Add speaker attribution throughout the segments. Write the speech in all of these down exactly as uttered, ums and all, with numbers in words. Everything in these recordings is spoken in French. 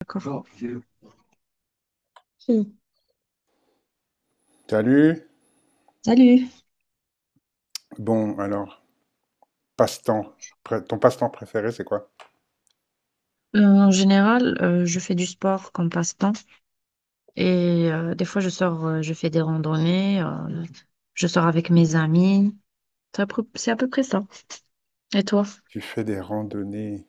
Speaker 1: D'accord. Si.
Speaker 2: Salut.
Speaker 1: Salut.
Speaker 2: Bon, alors, passe-temps. Pré- Ton passe-temps préféré, c'est quoi?
Speaker 1: Euh, en général, euh, je fais du sport comme passe-temps et euh, des fois je sors, euh, je fais des randonnées, euh, je sors avec mes amis. C'est à peu c'est à peu près ça. Et toi?
Speaker 2: Tu fais des randonnées.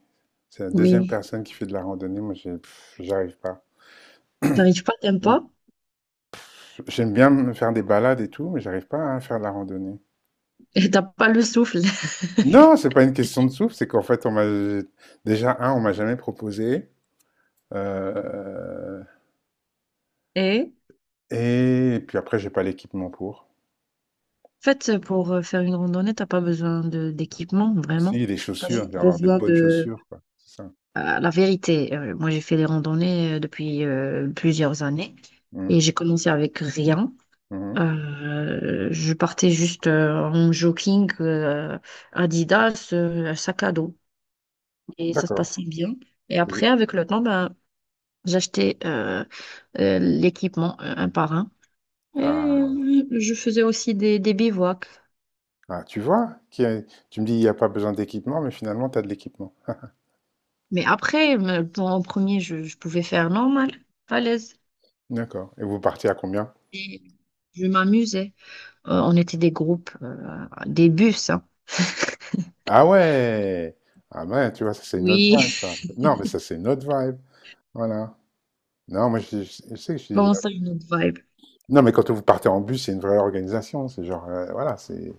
Speaker 2: C'est la deuxième
Speaker 1: Oui.
Speaker 2: personne qui fait de la randonnée. Moi, j'ai- pff, j'arrive pas.
Speaker 1: T'arrives pas, t'aimes
Speaker 2: Mm.
Speaker 1: pas
Speaker 2: J'aime bien me faire des balades et tout, mais j'arrive pas à faire de la randonnée.
Speaker 1: et t'as pas le souffle.
Speaker 2: Non, c'est pas une question de souffle. C'est qu'en fait, on m'a déjà un, on m'a jamais proposé. euh,
Speaker 1: Et
Speaker 2: Et puis après, j'ai pas l'équipement pour.
Speaker 1: en fait, pour euh, faire une randonnée, t'as pas besoin de d'équipement, vraiment.
Speaker 2: Si, les
Speaker 1: T'as
Speaker 2: chaussures. Je
Speaker 1: juste
Speaker 2: vais avoir des
Speaker 1: besoin
Speaker 2: bonnes
Speaker 1: de...
Speaker 2: chaussures, quoi. C'est ça.
Speaker 1: Euh, la vérité, euh, moi j'ai fait des randonnées euh, depuis euh, plusieurs années
Speaker 2: Mhm,
Speaker 1: et j'ai commencé avec rien.
Speaker 2: mhm.
Speaker 1: Euh, je portais juste euh, en jogging euh, Adidas, euh, un sac à dos. Et ça se
Speaker 2: D'accord.
Speaker 1: passait bien. Et
Speaker 2: Et
Speaker 1: après,
Speaker 2: vous.
Speaker 1: avec le temps, ben, j'achetais euh, euh, l'équipement euh, un par un. Et
Speaker 2: Ah.
Speaker 1: euh, je faisais aussi des, des bivouacs.
Speaker 2: Ah, tu vois, qu'il y a- tu me dis il n'y a pas besoin d'équipement, mais finalement, tu as de l'équipement.
Speaker 1: Mais après, me- bon, en premier, je, je pouvais faire normal, à l'aise.
Speaker 2: D'accord. Et vous partez à combien?
Speaker 1: Et je m'amusais. Euh, on était des groupes, euh, des bus, hein.
Speaker 2: Ah ouais! Ah ben, tu vois, ça c'est une autre
Speaker 1: Oui,
Speaker 2: vibe, ça. Non, mais ça c'est une autre vibe. Voilà. Non, moi, je, je- je sais que je suis.
Speaker 1: bon ça, une autre vibe?
Speaker 2: Non, mais quand vous partez en bus, c'est une vraie organisation. C'est genre, euh, voilà, c'est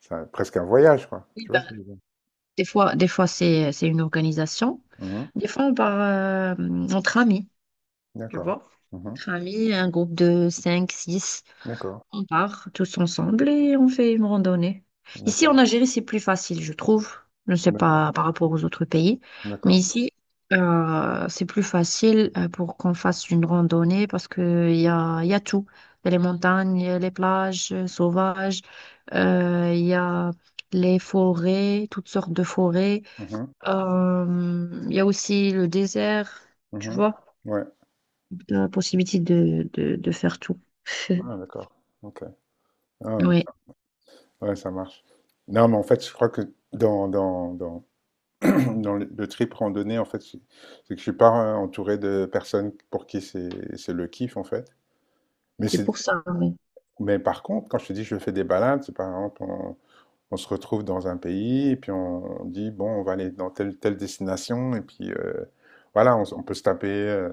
Speaker 2: c'est un- presque un voyage, quoi.
Speaker 1: Oui,
Speaker 2: Tu vois
Speaker 1: ben,
Speaker 2: ce que je veux dire?
Speaker 1: Des fois, des fois c'est, c'est une organisation.
Speaker 2: Mhm.
Speaker 1: Des fois, on part euh, entre amis, tu
Speaker 2: D'accord.
Speaker 1: vois.
Speaker 2: Mhm.
Speaker 1: Entre amis, un groupe de cinq six
Speaker 2: D'accord.
Speaker 1: on part tous ensemble et on fait une randonnée. Ici, en
Speaker 2: D'accord.
Speaker 1: Algérie, c'est plus facile, je trouve. Je ne sais
Speaker 2: D'accord.
Speaker 1: pas par rapport aux autres pays, mais
Speaker 2: D'accord.
Speaker 1: ici, euh, c'est plus facile euh, pour qu'on fasse une randonnée parce qu'il y a, il y a tout. Il y a les montagnes, les plages euh, sauvages, euh, il y a les forêts, toutes sortes de forêts.
Speaker 2: Mhm.
Speaker 1: Euh, Il y a aussi le désert, tu
Speaker 2: Mhm.
Speaker 1: vois,
Speaker 2: Ouais.
Speaker 1: la possibilité de, de, de faire tout.
Speaker 2: Ah, d'accord. Ok. Ah, donc
Speaker 1: Oui,
Speaker 2: ouais, ça marche. Non, mais en fait, je crois que dans, dans, dans, dans le, le trip randonnée, en fait, c'est c'est que je suis pas euh, entouré de personnes pour qui c'est c'est le kiff, en fait. Mais,
Speaker 1: c'est
Speaker 2: c'est,
Speaker 1: pour ça. Oui.
Speaker 2: mais par contre, quand je te dis je fais des balades, c'est par exemple, on, on se retrouve dans un pays, et puis on, on dit, bon, on va aller dans telle, telle destination, et puis euh, voilà, on, s- on peut se taper euh,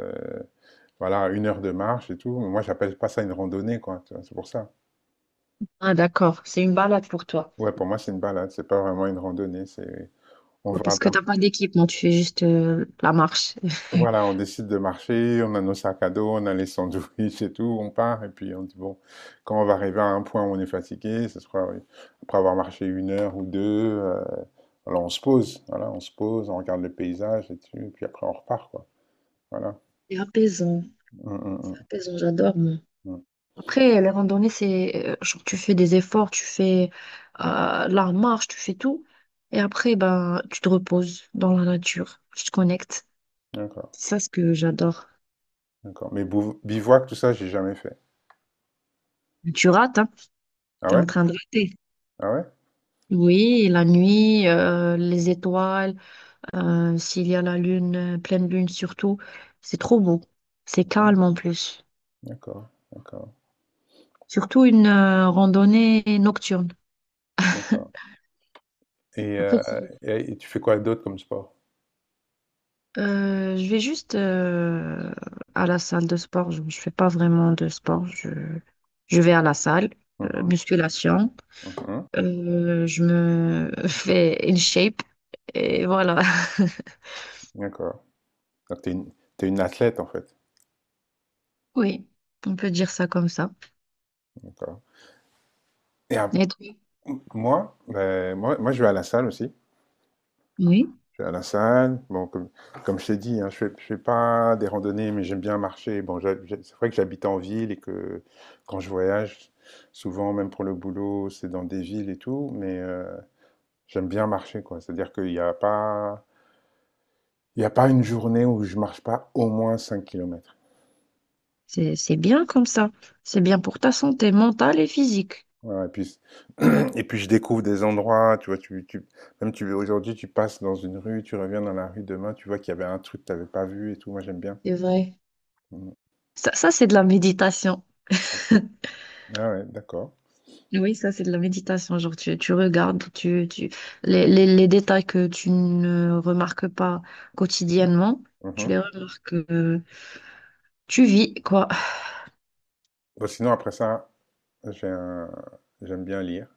Speaker 2: voilà, une heure de marche et tout. Moi, j'appelle pas ça une randonnée, quoi, tu vois, c'est pour ça.
Speaker 1: Ah, d'accord, c'est une balade pour toi.
Speaker 2: Ouais, pour moi, c'est une balade, c'est pas vraiment une randonnée, c'est on
Speaker 1: Ouais,
Speaker 2: va
Speaker 1: parce que t'as pas d'équipement, tu fais juste euh, la marche.
Speaker 2: voilà, on décide de marcher, on a nos sacs à dos, on a les sandwichs et tout, on part, et puis on dit, bon, quand on va arriver à un point où on est fatigué, ce sera oui, après avoir marché une heure ou deux, euh, alors on se pose, voilà, on se pose, on regarde le paysage et tout, et puis après on repart, quoi. Voilà.
Speaker 1: C'est apaisant,
Speaker 2: Hum, hum, hum,
Speaker 1: apaisant, j'adore, moi.
Speaker 2: hum.
Speaker 1: Après, les randonnées, c'est euh, genre tu fais des efforts, tu fais euh, la marche, tu fais tout. Et après, ben, tu te reposes dans la nature, tu te connectes.
Speaker 2: D'accord,
Speaker 1: C'est ça ce que j'adore.
Speaker 2: d'accord. Mais bouv- bivouac, tout ça, j'ai jamais fait.
Speaker 1: Tu rates, hein?
Speaker 2: Ah
Speaker 1: T'es
Speaker 2: ouais?
Speaker 1: en train de rater.
Speaker 2: Ah ouais?
Speaker 1: Oui, la nuit, euh, les étoiles, euh, s'il y a la lune, euh, pleine lune surtout, c'est trop beau. C'est
Speaker 2: Hum.
Speaker 1: calme en plus.
Speaker 2: D'accord, d'accord,
Speaker 1: Surtout une euh, randonnée nocturne.
Speaker 2: d'accord. Et,
Speaker 1: Après,
Speaker 2: euh,
Speaker 1: si-
Speaker 2: et- et tu fais quoi d'autre comme sport?
Speaker 1: euh, Je vais juste euh, à la salle de sport. Je ne fais pas vraiment de sport. Je, je vais à la salle, euh,
Speaker 2: Mhm,
Speaker 1: musculation.
Speaker 2: mhm.
Speaker 1: Euh, je me fais in shape et voilà.
Speaker 2: D'accord. Donc, t'es une, t'es une athlète, en fait.
Speaker 1: Oui, on peut dire ça comme ça.
Speaker 2: D'accord. Et à-
Speaker 1: Et toi?
Speaker 2: Moi, ben, moi, moi, je vais à la salle aussi.
Speaker 1: Oui.
Speaker 2: Je vais à la salle. Bon, comme, comme je t'ai dit, hein, je fais, je fais pas des randonnées, mais j'aime bien marcher. Bon, j'ha- j'ai- c'est vrai que j'habite en ville et que quand je voyage, souvent, même pour le boulot, c'est dans des villes et tout, mais euh, j'aime bien marcher, quoi. C'est-à-dire qu'il n'y a pas, il y a pas une journée où je marche pas au moins cinq kilomètres.
Speaker 1: C'est, c'est bien comme ça. C'est bien pour ta santé mentale et physique.
Speaker 2: Ouais, et puis, et puis je découvre des endroits, tu vois, tu, tu, même tu, aujourd'hui, tu passes dans une rue, tu reviens dans la rue demain, tu vois qu'il y avait un truc que tu n'avais pas vu et tout, moi j'aime bien.
Speaker 1: C'est vrai.
Speaker 2: Mhm.
Speaker 1: Ça, ça c'est de la méditation.
Speaker 2: Ah bon? Ah ouais, d'accord.
Speaker 1: Oui, ça, c'est de la méditation. Genre, tu, tu regardes tu, tu, les, les, les détails que tu ne remarques pas quotidiennement, tu
Speaker 2: Mhm.
Speaker 1: les remarques, euh, tu vis, quoi.
Speaker 2: Bon, sinon, après ça, j'ai un... j'aime bien lire.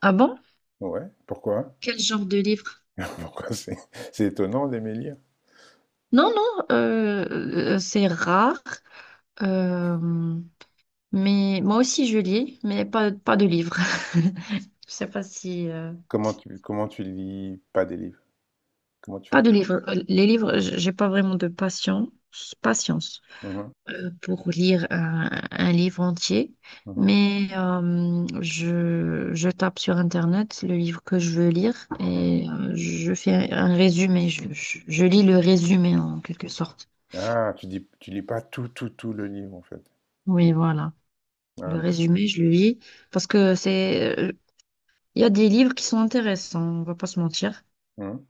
Speaker 1: Ah bon?
Speaker 2: Ouais, pourquoi?
Speaker 1: Quel genre de livre?
Speaker 2: Pourquoi c'est c'est étonnant d'aimer lire?
Speaker 1: Non, non, euh, euh, c'est rare. euh, mais moi aussi, je lis, mais pas, pas de livre. Je sais pas si... euh,
Speaker 2: Comment tu, comment tu lis pas des livres? Comment tu
Speaker 1: Pas
Speaker 2: fais?
Speaker 1: de livres. Euh, Les livres, j- j'ai pas vraiment de patience, patience
Speaker 2: Mhm,
Speaker 1: euh, pour lire un, un livre entier,
Speaker 2: mhm,
Speaker 1: mais euh, je, je tape sur Internet le livre que je veux lire
Speaker 2: mhm.
Speaker 1: et euh, je fais un résumé. Je, je- je lis le résumé en quelque sorte.
Speaker 2: Ah, tu dis, tu lis pas tout, tout, tout le livre, en fait.
Speaker 1: Oui, voilà.
Speaker 2: Ah,
Speaker 1: Le
Speaker 2: tu-
Speaker 1: résumé, je le lis parce que c'est, euh, il y a des livres qui sont intéressants, on va pas se mentir.
Speaker 2: mhm.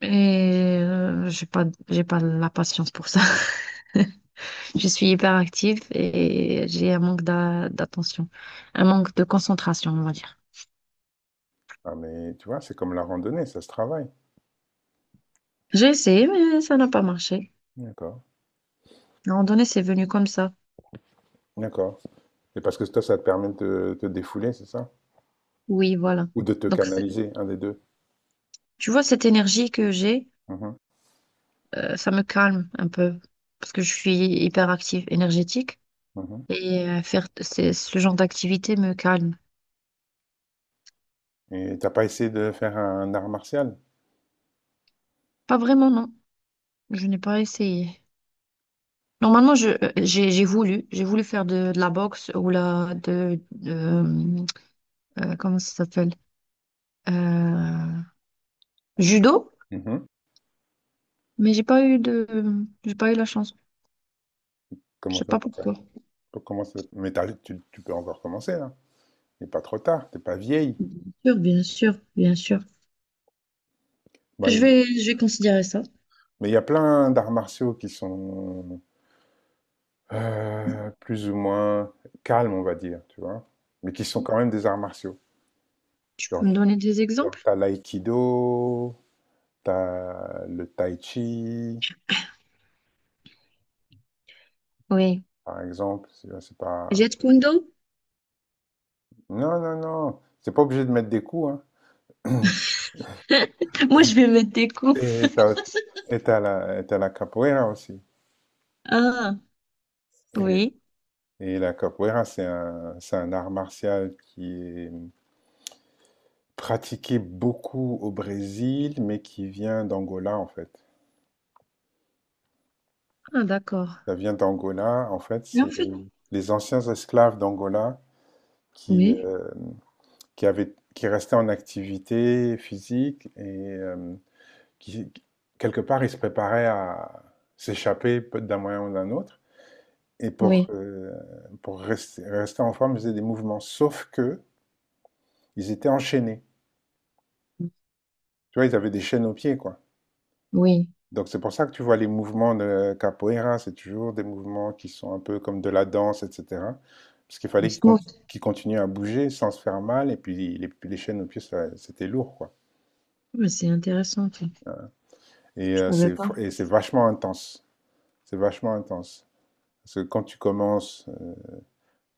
Speaker 1: Et euh, j'ai pas, j'ai pas la patience pour ça. Je suis hyper active et j'ai un manque d'a- d'attention, un manque de concentration, on va dire.
Speaker 2: Ah, mais tu vois, c'est comme la randonnée, ça se travaille.
Speaker 1: J'ai essayé, mais ça n'a pas marché.
Speaker 2: D'accord,
Speaker 1: À un moment donné, c'est venu comme ça.
Speaker 2: d'accord. Et parce que toi, ça te permet de te, te défouler, c'est ça?
Speaker 1: Oui, voilà.
Speaker 2: Ou de te
Speaker 1: Donc, c'est-
Speaker 2: canaliser, un des deux.
Speaker 1: tu vois, cette énergie que j'ai,
Speaker 2: Mhm,
Speaker 1: euh, ça me calme un peu parce que je suis hyper active, énergétique
Speaker 2: mhm.
Speaker 1: et euh, faire c'est- ce genre d'activité me calme.
Speaker 2: Et t'as pas essayé de faire un art martial?
Speaker 1: Pas vraiment, non. Je n'ai pas essayé. Normalement, je, euh, j'ai, j'ai voulu, j'ai voulu faire de, de la boxe ou la, de, de, euh, euh, comment ça s'appelle? Euh, Judo,
Speaker 2: Mhm.
Speaker 1: mais j'ai pas eu de, j'ai pas eu la chance. Je
Speaker 2: Comment
Speaker 1: sais
Speaker 2: ça,
Speaker 1: pas
Speaker 2: t'es
Speaker 1: pourquoi.
Speaker 2: pas- comment ça- mais t'as- tu, tu peux encore commencer, hein. Il n'est pas trop tard, t'es pas vieille.
Speaker 1: Bien sûr, bien sûr, bien sûr.
Speaker 2: Bah,
Speaker 1: Je vais,
Speaker 2: il-
Speaker 1: je vais considérer ça.
Speaker 2: mais il y a plein d'arts martiaux qui sont Heu, plus ou moins calmes, on va dire, tu vois? Mais qui sont quand même des arts martiaux.
Speaker 1: Tu peux
Speaker 2: Genre
Speaker 1: me donner des
Speaker 2: genre
Speaker 1: exemples?
Speaker 2: tu l'aïkido, t'as le tai chi,
Speaker 1: Oui.
Speaker 2: par exemple, c'est euh, c'est pas
Speaker 1: Jet Kundo?
Speaker 2: non, non, non, c'est pas obligé de mettre des coups, hein.
Speaker 1: Moi, je vais mettre des coups.
Speaker 2: Et t'as, et t'as la et tu la capoeira aussi
Speaker 1: Ah,
Speaker 2: et
Speaker 1: oui.
Speaker 2: et la capoeira, c'est un c'est un art martial qui est pratiqué beaucoup au Brésil, mais qui vient d'Angola, en fait.
Speaker 1: Ah, d'accord.
Speaker 2: Ça vient d'Angola. En fait,
Speaker 1: Mais en
Speaker 2: c'est
Speaker 1: fait,
Speaker 2: les, les anciens esclaves d'Angola qui,
Speaker 1: oui,
Speaker 2: euh, qui avaient, qui restaient en activité physique et euh, qui, quelque part, ils se préparaient à s'échapper peut- d'un moyen ou d'un autre. Et pour,
Speaker 1: oui,
Speaker 2: euh, pour rester, rester en forme, ils faisaient des mouvements. Sauf que ils étaient enchaînés. Tu vois, ils avaient des chaînes aux pieds, quoi.
Speaker 1: oui.
Speaker 2: Donc c'est pour ça que tu vois les mouvements de capoeira, c'est toujours des mouvements qui sont un peu comme de la danse, et cetera. Parce qu'il
Speaker 1: Mais
Speaker 2: fallait qu'ils
Speaker 1: smooth.
Speaker 2: conti- qu'ils continuent à bouger sans se faire mal, et puis les, les chaînes aux pieds, ça- c'était lourd, quoi.
Speaker 1: Mais c'est intéressant, ça.
Speaker 2: Et
Speaker 1: Je
Speaker 2: euh,
Speaker 1: savais
Speaker 2: c'est
Speaker 1: pas.
Speaker 2: et c'est vachement intense. C'est vachement intense. Parce que quand tu commences, euh,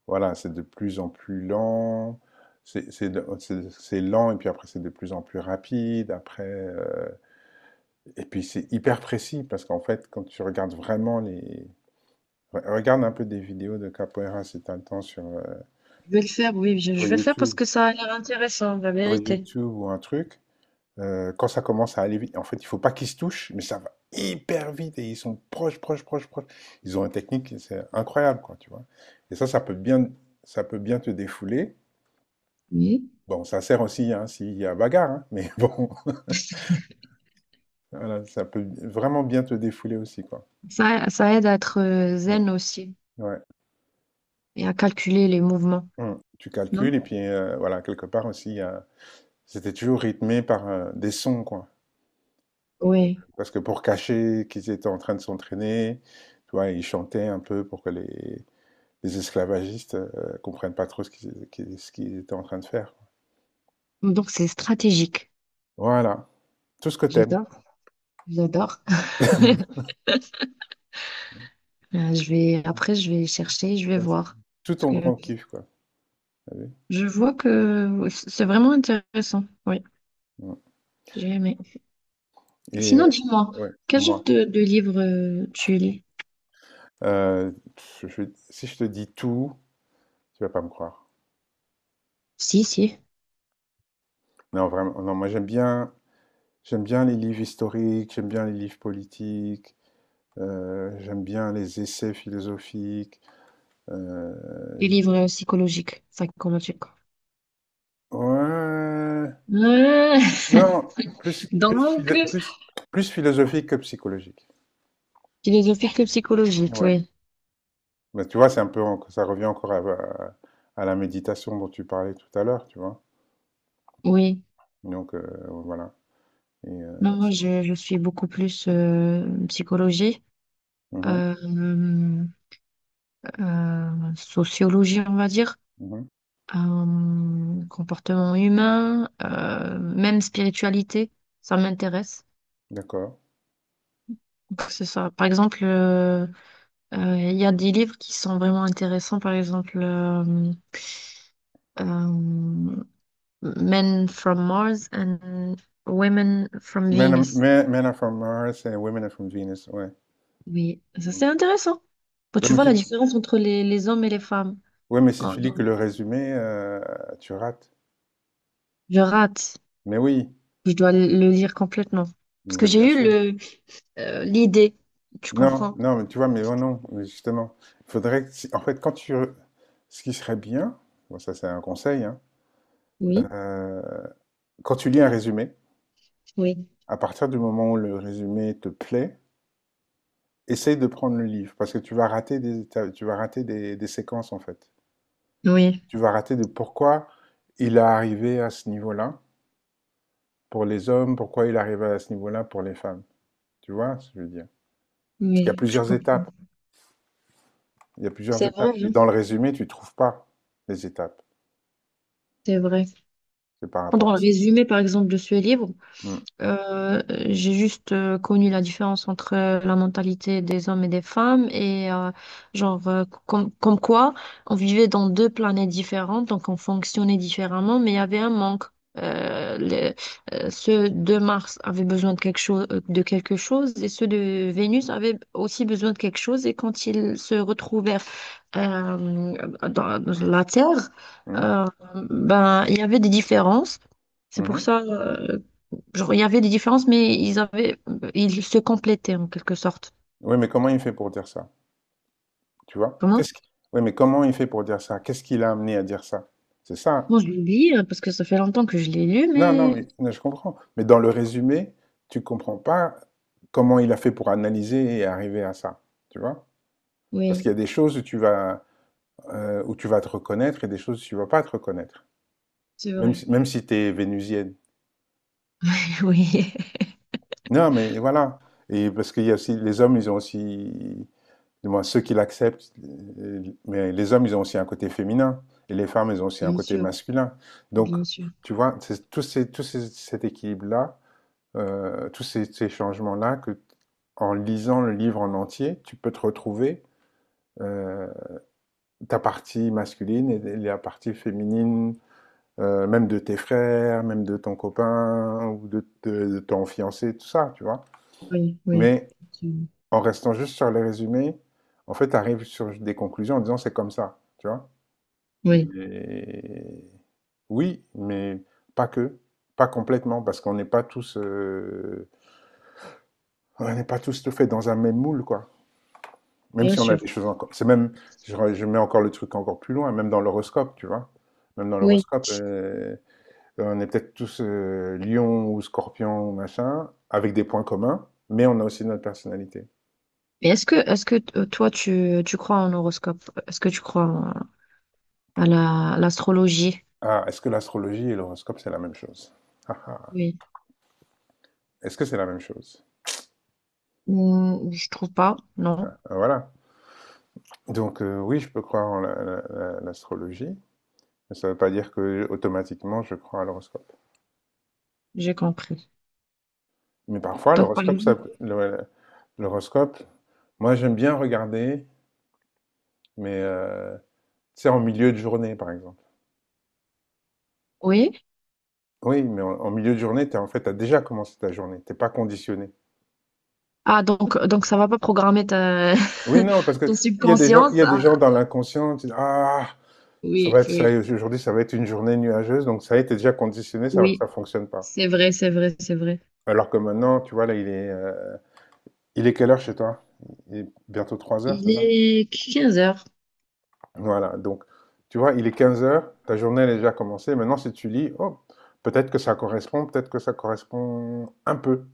Speaker 2: voilà, c'est de plus en plus lent. C'est c'est de- c'est- c'est lent, et puis après c'est de plus en plus rapide. Après, euh, et puis c'est hyper précis, parce qu'en fait, quand tu regardes vraiment les Re- Regarde un peu des vidéos de capoeira si t'as le temps sur, euh,
Speaker 1: Je vais le faire, oui, je,
Speaker 2: sur
Speaker 1: je vais le faire parce
Speaker 2: YouTube,
Speaker 1: que ça a l'air intéressant, la
Speaker 2: sur
Speaker 1: vérité.
Speaker 2: YouTube ou un truc. Euh, quand ça commence à aller vite, en fait, il faut pas qu'ils se touchent, mais ça va hyper vite et ils sont proches, proches, proches, proches. Ils ont une technique, c'est incroyable, quoi, tu vois. Et ça, ça peut bien, ça peut bien te défouler.
Speaker 1: Oui.
Speaker 2: Bon, ça sert aussi hein, s'il y a bagarre, hein, mais bon, voilà, ça peut vraiment bien te défouler aussi, quoi.
Speaker 1: Ça, ça aide à être euh,
Speaker 2: Mm.
Speaker 1: zen aussi.
Speaker 2: Ouais.
Speaker 1: Et à calculer les mouvements,
Speaker 2: Mm. Tu
Speaker 1: non?
Speaker 2: calcules et puis euh, voilà, quelque part aussi, il y a- c'était toujours rythmé par euh, des sons, quoi.
Speaker 1: Oui.
Speaker 2: Parce que pour cacher qu'ils étaient en train de s'entraîner, tu vois, ils chantaient un peu pour que les, les esclavagistes euh, comprennent pas trop ce qu'ils qu'ils- ce qu'ils étaient en train de faire, quoi.
Speaker 1: Donc c'est stratégique.
Speaker 2: Voilà. Tout ce que t'aimes.
Speaker 1: J'adore, j'adore. Euh, Je vais, après, je vais chercher, je vais
Speaker 2: Ça, c'est
Speaker 1: voir.
Speaker 2: tout
Speaker 1: Parce
Speaker 2: ton
Speaker 1: que
Speaker 2: grand kiff, quoi. T'as vu?
Speaker 1: je vois que c'est vraiment intéressant. Oui,
Speaker 2: Mm.
Speaker 1: j'ai aimé.
Speaker 2: Et euh,
Speaker 1: Sinon, dis-moi,
Speaker 2: ouais,
Speaker 1: quel genre
Speaker 2: moi.
Speaker 1: de, de livre euh, tu lis?
Speaker 2: Euh, je- je- si je te dis tout, tu vas pas me croire.
Speaker 1: Si, si.
Speaker 2: Non, vraiment. Non, moi j'aime bien, j'aime bien les livres historiques, j'aime bien les livres politiques, euh, j'aime bien les essais philosophiques. euh,
Speaker 1: Des
Speaker 2: j'aime-
Speaker 1: livres psychologiques, psychomatiques.
Speaker 2: Ouais,
Speaker 1: Ouais.
Speaker 2: non, plus, plus,
Speaker 1: Donc,
Speaker 2: philo- plus, plus philosophique que psychologique.
Speaker 1: philosophique et psychologique,
Speaker 2: Ouais.
Speaker 1: oui.
Speaker 2: Bah, tu vois, c'est un peu, en- ça revient encore à, à- à la méditation dont tu parlais tout à l'heure, tu vois.
Speaker 1: Oui.
Speaker 2: Donc, euh, voilà. Et, euh,
Speaker 1: Non, moi,
Speaker 2: c'est-
Speaker 1: je, je suis beaucoup plus euh, psychologie.
Speaker 2: Mhm,
Speaker 1: euh, euh, Sociologie, on va dire,
Speaker 2: mhm,
Speaker 1: euh, comportement humain, euh, même spiritualité, ça m'intéresse.
Speaker 2: d'accord.
Speaker 1: Que ce soit, par exemple, euh, euh, il y a des livres qui sont vraiment intéressants, par exemple, euh, euh, Men from Mars and Women from
Speaker 2: Men, are-
Speaker 1: Venus.
Speaker 2: men, men are from Mars and women are from Venus, ouais.
Speaker 1: Oui, ça c'est
Speaker 2: Mm.
Speaker 1: intéressant. Bon,
Speaker 2: Ouais,
Speaker 1: tu
Speaker 2: mais
Speaker 1: vois
Speaker 2: si,
Speaker 1: la différence entre les, les hommes et les femmes.
Speaker 2: ouais, mais si
Speaker 1: Oh,
Speaker 2: tu lis que
Speaker 1: non,
Speaker 2: le résumé, euh, tu rates.
Speaker 1: je rate.
Speaker 2: Mais oui,
Speaker 1: Je dois le lire complètement. Parce que
Speaker 2: mais bien
Speaker 1: j'ai eu
Speaker 2: sûr.
Speaker 1: le euh, l'idée, tu
Speaker 2: Non,
Speaker 1: comprends?
Speaker 2: non, mais tu vois, mais non, non, mais justement, il faudrait que, si- en fait, quand tu, re- ce qui serait bien, bon, ça c'est un conseil, hein,
Speaker 1: Oui,
Speaker 2: euh, quand tu lis un résumé,
Speaker 1: oui.
Speaker 2: à partir du moment où le résumé te plaît, essaye de prendre le livre, parce que tu vas rater des étapes, tu vas rater des, des séquences, en fait.
Speaker 1: Oui,
Speaker 2: Tu vas rater de pourquoi il est arrivé à ce niveau-là pour les hommes, pourquoi il est arrivé à ce niveau-là pour les femmes. Tu vois ce que je veux dire? Parce qu'il y a
Speaker 1: oui, je
Speaker 2: plusieurs
Speaker 1: comprends.
Speaker 2: étapes, il y a plusieurs
Speaker 1: C'est vrai,
Speaker 2: étapes, et
Speaker 1: hein.
Speaker 2: dans le résumé, tu trouves pas les étapes,
Speaker 1: C'est vrai.
Speaker 2: c'est par
Speaker 1: Prendre
Speaker 2: rapport à
Speaker 1: un
Speaker 2: ça.
Speaker 1: résumé, par exemple, de ce livre.
Speaker 2: Mmh.
Speaker 1: Euh, j'ai juste euh, connu la différence entre euh, la mentalité des hommes et des femmes et euh, genre euh, com- comme quoi on vivait dans deux planètes différentes, donc on fonctionnait différemment, mais il y avait un manque. Euh, les- euh, Ceux de Mars avaient besoin de quelque chose, euh, de quelque chose et ceux de Vénus avaient aussi besoin de quelque chose et quand ils se retrouvaient euh, dans, dans la Terre,
Speaker 2: Mhm,
Speaker 1: euh, ben, il y avait des différences. C'est pour
Speaker 2: mhm.
Speaker 1: ça, euh, genre, il y avait des différences, mais ils avaient, ils se complétaient en quelque sorte.
Speaker 2: Oui, mais comment il fait pour dire ça? Tu vois?
Speaker 1: Comment?
Speaker 2: Qu'est-ce qui- Oui, mais comment il fait pour dire ça? Qu'est-ce qui l'a amené à dire ça? C'est ça.
Speaker 1: Bon, je l'oublie euh, parce que ça fait longtemps que je l'ai lu,
Speaker 2: Non, non,
Speaker 1: mais
Speaker 2: mais mais je comprends. Mais dans le résumé, tu comprends pas comment il a fait pour analyser et arriver à ça. Tu vois? Parce qu'il
Speaker 1: oui,
Speaker 2: y a des choses où tu vas, euh, où tu vas te reconnaître et des choses où tu vas pas te reconnaître.
Speaker 1: c'est
Speaker 2: Même
Speaker 1: vrai.
Speaker 2: si, même si tu es vénusienne.
Speaker 1: Oui,
Speaker 2: Non, mais voilà. Et parce qu'il y a aussi, les hommes, ils ont aussi du moins ceux qui l'acceptent, euh, mais les hommes, ils ont aussi un côté féminin, et les femmes, elles ont aussi un
Speaker 1: bien
Speaker 2: côté
Speaker 1: sûr,
Speaker 2: masculin. Donc,
Speaker 1: bien sûr.
Speaker 2: tu vois, c'est tous ces, tous ces- cet équilibre-là, euh, tous ces, ces changements-là, que en lisant le livre en entier, tu peux te retrouver euh, ta partie masculine et la partie féminine, euh, même de tes frères, même de ton copain ou de, de- de ton fiancé, tout ça, tu vois.
Speaker 1: Oui, oui,
Speaker 2: Mais
Speaker 1: effectivement.
Speaker 2: en restant juste sur les résumés, en fait, tu arrives sur des conclusions en disant c'est comme ça, tu vois.
Speaker 1: Oui,
Speaker 2: Mais oui, mais pas que, pas complètement, parce qu'on n'est pas tous, euh, on n'est pas tous tout fait dans un même moule, quoi. Même
Speaker 1: bien
Speaker 2: si on a
Speaker 1: sûr.
Speaker 2: des choses encore, c'est même, je, re- je mets encore le truc encore plus loin, même dans l'horoscope, tu vois, même dans
Speaker 1: Oui.
Speaker 2: l'horoscope, euh, on est peut-être tous euh, lion ou scorpion ou machin, avec des points communs, mais on a aussi notre personnalité.
Speaker 1: Mais est-ce que, est-ce que t- toi, tu, tu crois en horoscope? Est-ce que tu crois en- à la, à l'astrologie?
Speaker 2: Ah, est-ce que l'astrologie et l'horoscope c'est la même chose? Ah, ah. Est-ce que c'est la même chose?
Speaker 1: Hmm, je trouve pas. Non,
Speaker 2: Ah, voilà. Donc heu, oui, je peux croire en la la la l'astrologie, mais ça ne veut pas dire que, automatiquement, je crois à l'horoscope.
Speaker 1: j'ai compris.
Speaker 2: Mais parfois,
Speaker 1: Donc, par
Speaker 2: l'horoscope, ça
Speaker 1: exemple-
Speaker 2: peut le l'horoscope, moi, j'aime bien regarder, mais heu, tu sais, en milieu de journée, par exemple.
Speaker 1: oui.
Speaker 2: Oui, mais en en milieu de journée, t'es en fait, t'as déjà commencé ta journée, t'es pas conditionné.
Speaker 1: Ah, donc, donc ça va pas programmer ta...
Speaker 2: Oui, non, parce que
Speaker 1: ton
Speaker 2: il y a des gens il y
Speaker 1: subconscience.
Speaker 2: a des
Speaker 1: Ah,
Speaker 2: gens dans l'inconscient, tu dis: «Ah, ça va
Speaker 1: oui,
Speaker 2: être ça,
Speaker 1: oui,
Speaker 2: aujourd'hui, ça va être une journée nuageuse», donc ça y est, tu déjà conditionné, ça
Speaker 1: oui.
Speaker 2: ça fonctionne pas.
Speaker 1: C'est vrai, c'est vrai, c'est vrai.
Speaker 2: Alors que maintenant, tu vois, là, il est, euh, Il est quelle heure chez toi? Il est bientôt trois heures,
Speaker 1: Il
Speaker 2: c'est ça?
Speaker 1: est quinze heures.
Speaker 2: Voilà, donc tu vois, il est quinze heures, ta journée elle est déjà commencée. Maintenant, si tu lis, oh, peut-être que ça correspond, peut-être que ça correspond un peu.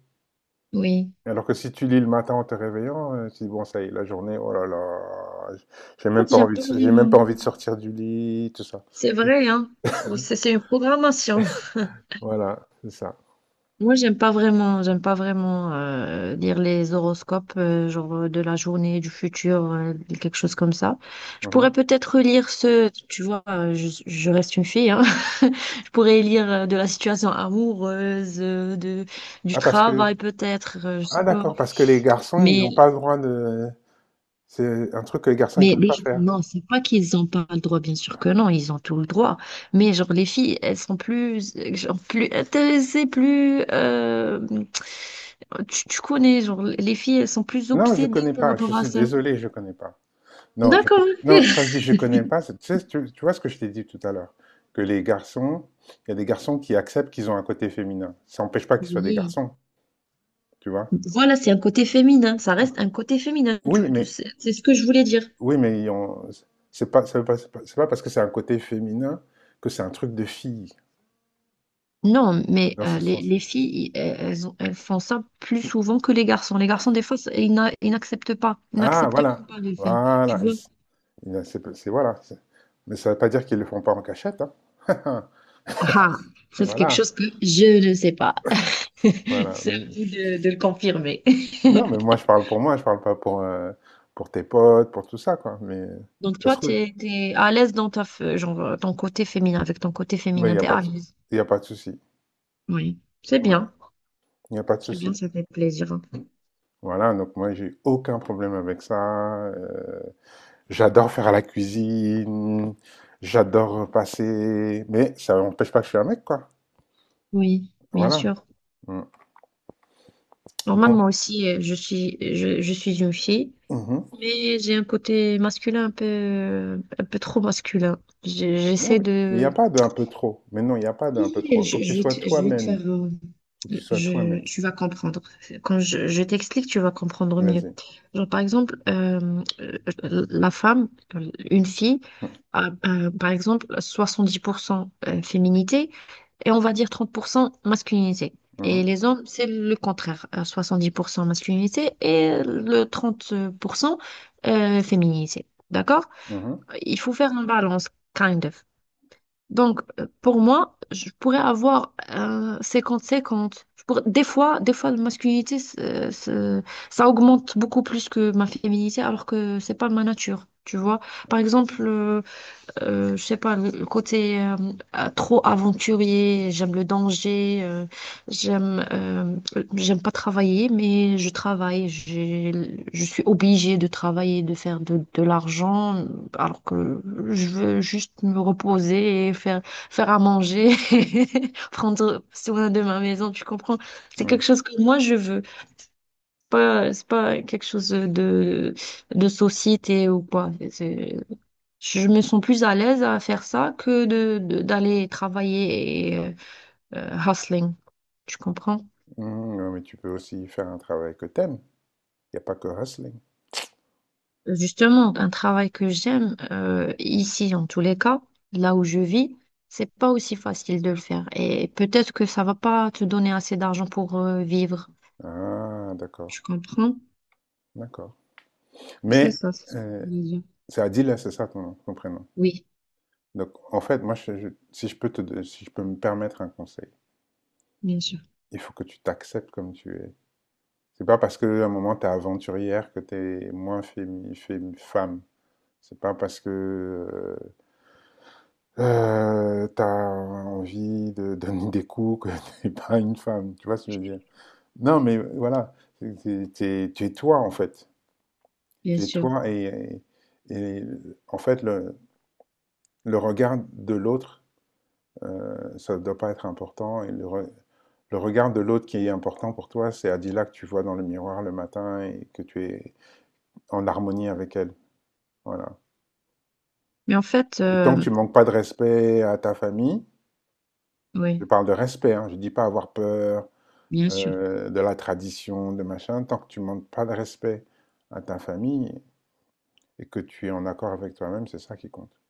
Speaker 1: Oui.
Speaker 2: Alors que si tu lis le matin en te réveillant, euh, tu dis, bon, ça y est, la journée, oh là là, j'ai
Speaker 1: En
Speaker 2: même
Speaker 1: fait,
Speaker 2: pas
Speaker 1: j'aime
Speaker 2: envie
Speaker 1: pas
Speaker 2: de, j'ai même
Speaker 1: vraiment.
Speaker 2: pas envie de sortir du lit, tout ça.
Speaker 1: C'est vrai, hein. C'est c'est une programmation.
Speaker 2: Voilà, c'est ça.
Speaker 1: Moi, j'aime pas vraiment, j'aime pas vraiment euh, lire les horoscopes, euh, genre euh, de la journée, du futur, euh, quelque chose comme ça. Je pourrais
Speaker 2: Mhm.
Speaker 1: peut-être lire ce, tu vois, euh, je, je reste une fille, hein. Je pourrais lire euh, de la situation amoureuse, euh, de, du
Speaker 2: Ah, parce que,
Speaker 1: travail peut-être, euh, je sais
Speaker 2: ah
Speaker 1: pas.
Speaker 2: d'accord, parce que les garçons, ils
Speaker 1: Mais
Speaker 2: n'ont pas le droit de, c'est un truc que les garçons, ils
Speaker 1: Mais
Speaker 2: peuvent
Speaker 1: les
Speaker 2: pas
Speaker 1: filles,
Speaker 2: faire.
Speaker 1: non, c'est pas qu'ils n'ont pas le droit, bien sûr que non, ils ont tout le droit. Mais genre les filles, elles sont plus, euh, genre, plus intéressées, plus. euh, tu, tu connais, genre les filles, elles sont plus
Speaker 2: Non, je
Speaker 1: obsédées
Speaker 2: connais
Speaker 1: par
Speaker 2: pas, je
Speaker 1: rapport à
Speaker 2: suis
Speaker 1: ça.
Speaker 2: désolé, je connais pas. Non, je, co-
Speaker 1: D'accord.
Speaker 2: non,
Speaker 1: Ok.
Speaker 2: quand je dis je connais pas, c'est- tu sais, tu, tu vois ce que je t'ai dit tout à l'heure, que les garçons, il y a des garçons qui acceptent qu'ils ont un côté féminin. Ça n'empêche pas qu'ils soient des
Speaker 1: Oui.
Speaker 2: garçons, tu vois.
Speaker 1: Voilà, c'est un côté féminin. Ça reste un côté féminin.
Speaker 2: Oui,
Speaker 1: Tu- tu-
Speaker 2: mais
Speaker 1: C'est c'est ce que je voulais dire.
Speaker 2: oui, mais ils ont- c'est pas, ça veut pas, c'est pas c'est pas parce que c'est un côté féminin que c'est un truc de fille
Speaker 1: Non, mais
Speaker 2: dans
Speaker 1: euh,
Speaker 2: ce
Speaker 1: les, les
Speaker 2: sens-là.
Speaker 1: filles, i- elles, elles ont- elles font ça plus souvent que les garçons. Les garçons, des fois, ça- ils n'a- ils n'acceptent pas. Ils
Speaker 2: Ah,
Speaker 1: n'acceptent même
Speaker 2: voilà,
Speaker 1: pas de le faire. Tu
Speaker 2: voilà,
Speaker 1: vois?
Speaker 2: c'est c'est- voilà. c'est- Mais ça ne veut pas dire qu'ils le font pas en cachette, hein.
Speaker 1: Ah,
Speaker 2: Et
Speaker 1: ça c'est quelque
Speaker 2: voilà,
Speaker 1: chose que je ne sais pas.
Speaker 2: voilà.
Speaker 1: C'est à
Speaker 2: Mais
Speaker 1: vous de, de le confirmer.
Speaker 2: non, mais moi, je parle pour moi, je parle pas pour, euh, pour tes potes, pour tout ça, quoi. Mais
Speaker 1: Donc
Speaker 2: ça
Speaker 1: toi,
Speaker 2: se
Speaker 1: tu
Speaker 2: trouve,
Speaker 1: es à l'aise dans ta, f- genre, euh, ton côté féminin, avec ton côté
Speaker 2: mais il
Speaker 1: féminin,
Speaker 2: n'y a
Speaker 1: t'es
Speaker 2: pas
Speaker 1: à
Speaker 2: de,
Speaker 1: l'aise.
Speaker 2: il y a pas de souci.
Speaker 1: Oui, c'est
Speaker 2: Ouais.
Speaker 1: bien.
Speaker 2: Il n'y a pas de
Speaker 1: C'est bien,
Speaker 2: souci.
Speaker 1: ça fait plaisir.
Speaker 2: Voilà, donc moi, j'ai aucun problème avec ça. Euh, j'adore faire la cuisine, j'adore passer, mais ça n'empêche pas que je suis un mec, quoi.
Speaker 1: Oui, bien
Speaker 2: Voilà.
Speaker 1: sûr.
Speaker 2: Mm. Bon.
Speaker 1: Normalement aussi, euh, je suis, je, je suis une fille,
Speaker 2: Mhm.
Speaker 1: mais j'ai un côté masculin un peu, un peu trop masculin. Je-
Speaker 2: Non,
Speaker 1: J'essaie
Speaker 2: mais il n'y
Speaker 1: de...
Speaker 2: a pas de un peu trop. Mais non, il n'y a pas de
Speaker 1: Si,
Speaker 2: un peu
Speaker 1: si,
Speaker 2: trop. Faut
Speaker 1: Je,
Speaker 2: que tu
Speaker 1: je vais
Speaker 2: sois
Speaker 1: te, je vais te
Speaker 2: toi-même.
Speaker 1: faire... euh,
Speaker 2: Faut que tu sois
Speaker 1: je,
Speaker 2: toi-même.
Speaker 1: tu vas comprendre. Quand je, je t'explique, tu vas comprendre mieux.
Speaker 2: Vas-y.
Speaker 1: Genre, par exemple, euh, euh, la femme, une fille, a, euh, par exemple, soixante-dix pour cent euh, féminité et on va dire trente pour cent masculinité. Et
Speaker 2: Mhm.
Speaker 1: les hommes, c'est le contraire, euh, soixante-dix pour cent masculinité et le trente pour cent euh, féminité. D'accord?
Speaker 2: Mhm.
Speaker 1: Il faut faire une balance, kind of. Donc, euh, pour moi, je pourrais avoir un cinquante. 50 Je pourrais- Des fois, Des fois, la masculinité, c'est- c'est- ça augmente beaucoup plus que ma féminité, alors que c'est pas ma nature, tu vois. Par exemple, euh, euh, je sais pas, le côté euh, euh, trop aventurier, j'aime le danger, euh, j'aime euh, j'aime pas travailler, mais je travaille, j'ai, je suis obligée de travailler, de faire de, de l'argent, alors que je veux juste me reposer et faire, faire à manger, prendre soin de ma maison, tu comprends? C'est
Speaker 2: Mhm.
Speaker 1: quelque chose que moi je veux, pas, c'est pas quelque chose de, de société ou quoi. Je me sens plus à l'aise à faire ça que de, de- d'aller travailler et euh, euh, hustling. Tu comprends?
Speaker 2: Mmh, ouais, mais tu peux aussi faire un travail que t'aimes. Il n'y a pas que wrestling.
Speaker 1: Justement, un travail que j'aime, euh, ici en tous les cas, là où je vis, c'est pas aussi facile de le faire. Et peut-être que ça va pas te donner assez d'argent pour euh, vivre.
Speaker 2: Ah, d'accord,
Speaker 1: Tu comprends?
Speaker 2: d'accord.
Speaker 1: C'est
Speaker 2: Mais
Speaker 1: ça, c'est ce que je
Speaker 2: euh,
Speaker 1: voulais dire.
Speaker 2: c'est Adila, c'est ça ton, ton prénom.
Speaker 1: Oui,
Speaker 2: Donc, en fait, moi, je- je- si je peux te, don- si je peux me permettre un conseil,
Speaker 1: bien sûr,
Speaker 2: il faut que tu t'acceptes comme tu es. C'est pas parce que à un moment t'es aventurière que t'es moins fémi, fémi- femme. C'est pas parce que euh, tu t'as envie de donner des coups que t'es pas une femme. Tu vois ce que je veux dire? Non, mais voilà, c'est- c'est- t'es- tu es toi en fait.
Speaker 1: bien
Speaker 2: Tu es
Speaker 1: sûr.
Speaker 2: toi et, et- et, en fait le, le regard de l'autre, euh, ça ne doit pas être important. Et le, re- le regard de l'autre qui est important pour toi, c'est Adila que tu vois dans le miroir le matin et que tu es en harmonie avec elle. Voilà.
Speaker 1: Mais en fait,
Speaker 2: Et tant que
Speaker 1: euh,
Speaker 2: tu manques pas de respect à ta famille, je
Speaker 1: oui,
Speaker 2: parle de respect, hein, je dis pas avoir peur
Speaker 1: bien sûr,
Speaker 2: euh, de la tradition, de machin, tant que tu manques pas de respect à ta famille, et que tu es en accord avec toi-même, c'est ça qui compte.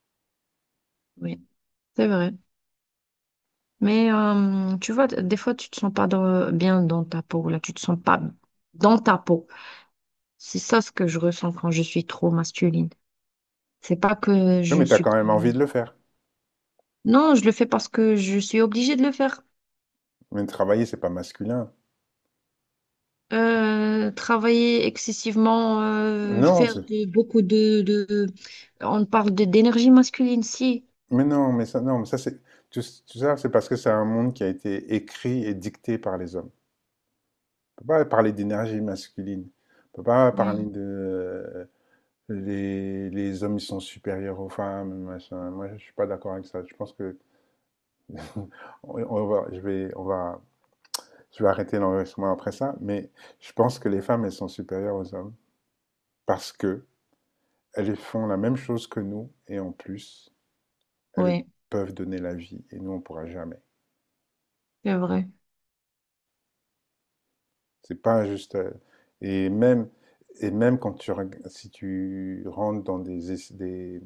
Speaker 1: oui, c'est vrai. Mais euh, tu vois, des fois, tu te sens pas dans- bien dans ta peau, là, tu te sens pas dans ta peau. C'est ça ce que je ressens quand je suis trop masculine. C'est pas que
Speaker 2: Oui,
Speaker 1: je ne
Speaker 2: mais tu as
Speaker 1: suis
Speaker 2: quand
Speaker 1: pas...
Speaker 2: même envie de le faire.
Speaker 1: Non, je le fais parce que je suis obligée de le faire.
Speaker 2: Mais travailler, c'est pas masculin.
Speaker 1: Euh, travailler excessivement, euh,
Speaker 2: Non,
Speaker 1: faire
Speaker 2: c'est...
Speaker 1: de- beaucoup de, de... On parle de- d'énergie masculine, si.
Speaker 2: mais non, mais ça, non, mais ça, c'est. Tout, tout ça, c'est parce que c'est un monde qui a été écrit et dicté par les hommes. On peut pas parler d'énergie masculine. On peut pas parler
Speaker 1: Oui,
Speaker 2: de. Les, les hommes, ils sont supérieurs aux femmes, machin. Moi, je suis pas d'accord avec ça. Je pense que. on on va, je vais, on va, je vais arrêter l'enregistrement après ça, mais je pense que les femmes, elles sont supérieures aux hommes parce que elles font la même chose que nous et en plus, elles
Speaker 1: oui,
Speaker 2: peuvent donner la vie et nous, on ne pourra jamais.
Speaker 1: c'est vrai.
Speaker 2: C'est pas juste. euh, Et même, et même quand tu, si tu rentres dans des, des,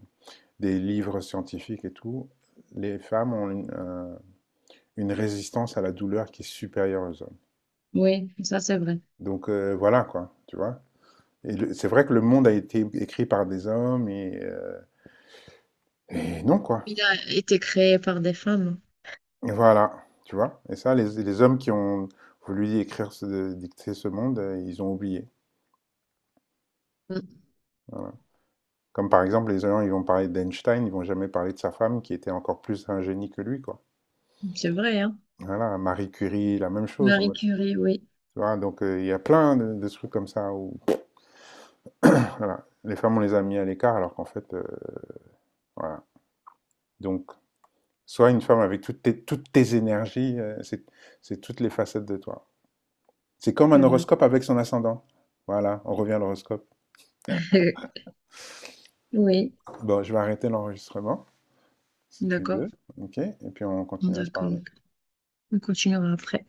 Speaker 2: des livres scientifiques et tout, les femmes ont une, un- une résistance à la douleur qui est supérieure aux hommes.
Speaker 1: Oui, ça c'est vrai.
Speaker 2: Donc euh, voilà quoi, tu vois. Et c'est vrai que le monde a été écrit par des hommes et, euh, et non quoi.
Speaker 1: Il a été créé par des femmes.
Speaker 2: Voilà, tu vois? Et ça, les, les hommes qui ont voulu écrire, ce- dicter ce monde, euh, ils ont oublié.
Speaker 1: Mm.
Speaker 2: Voilà. Comme par exemple, les gens, ils vont parler d'Einstein, ils vont jamais parler de sa femme qui était encore plus un génie que lui, quoi.
Speaker 1: C'est vrai, hein.
Speaker 2: Voilà, Marie Curie, la même chose, en
Speaker 1: Marie
Speaker 2: fait. Tu
Speaker 1: Curie, oui.
Speaker 2: vois, donc euh, il y a plein de de trucs comme ça où voilà, les femmes, on les a mis à l'écart alors qu'en fait, euh, voilà. Donc, sois une femme avec toutes tes, toutes tes énergies, euh, c'est, c'est toutes les facettes de toi. C'est comme un
Speaker 1: C'est vrai.
Speaker 2: horoscope avec son ascendant. Voilà, on revient à l'horoscope.
Speaker 1: Oui,
Speaker 2: Bon, je vais arrêter l'enregistrement, si tu
Speaker 1: d'accord,
Speaker 2: veux, ok? Et puis on continue à se
Speaker 1: d'accord.
Speaker 2: parler.
Speaker 1: On continuera après.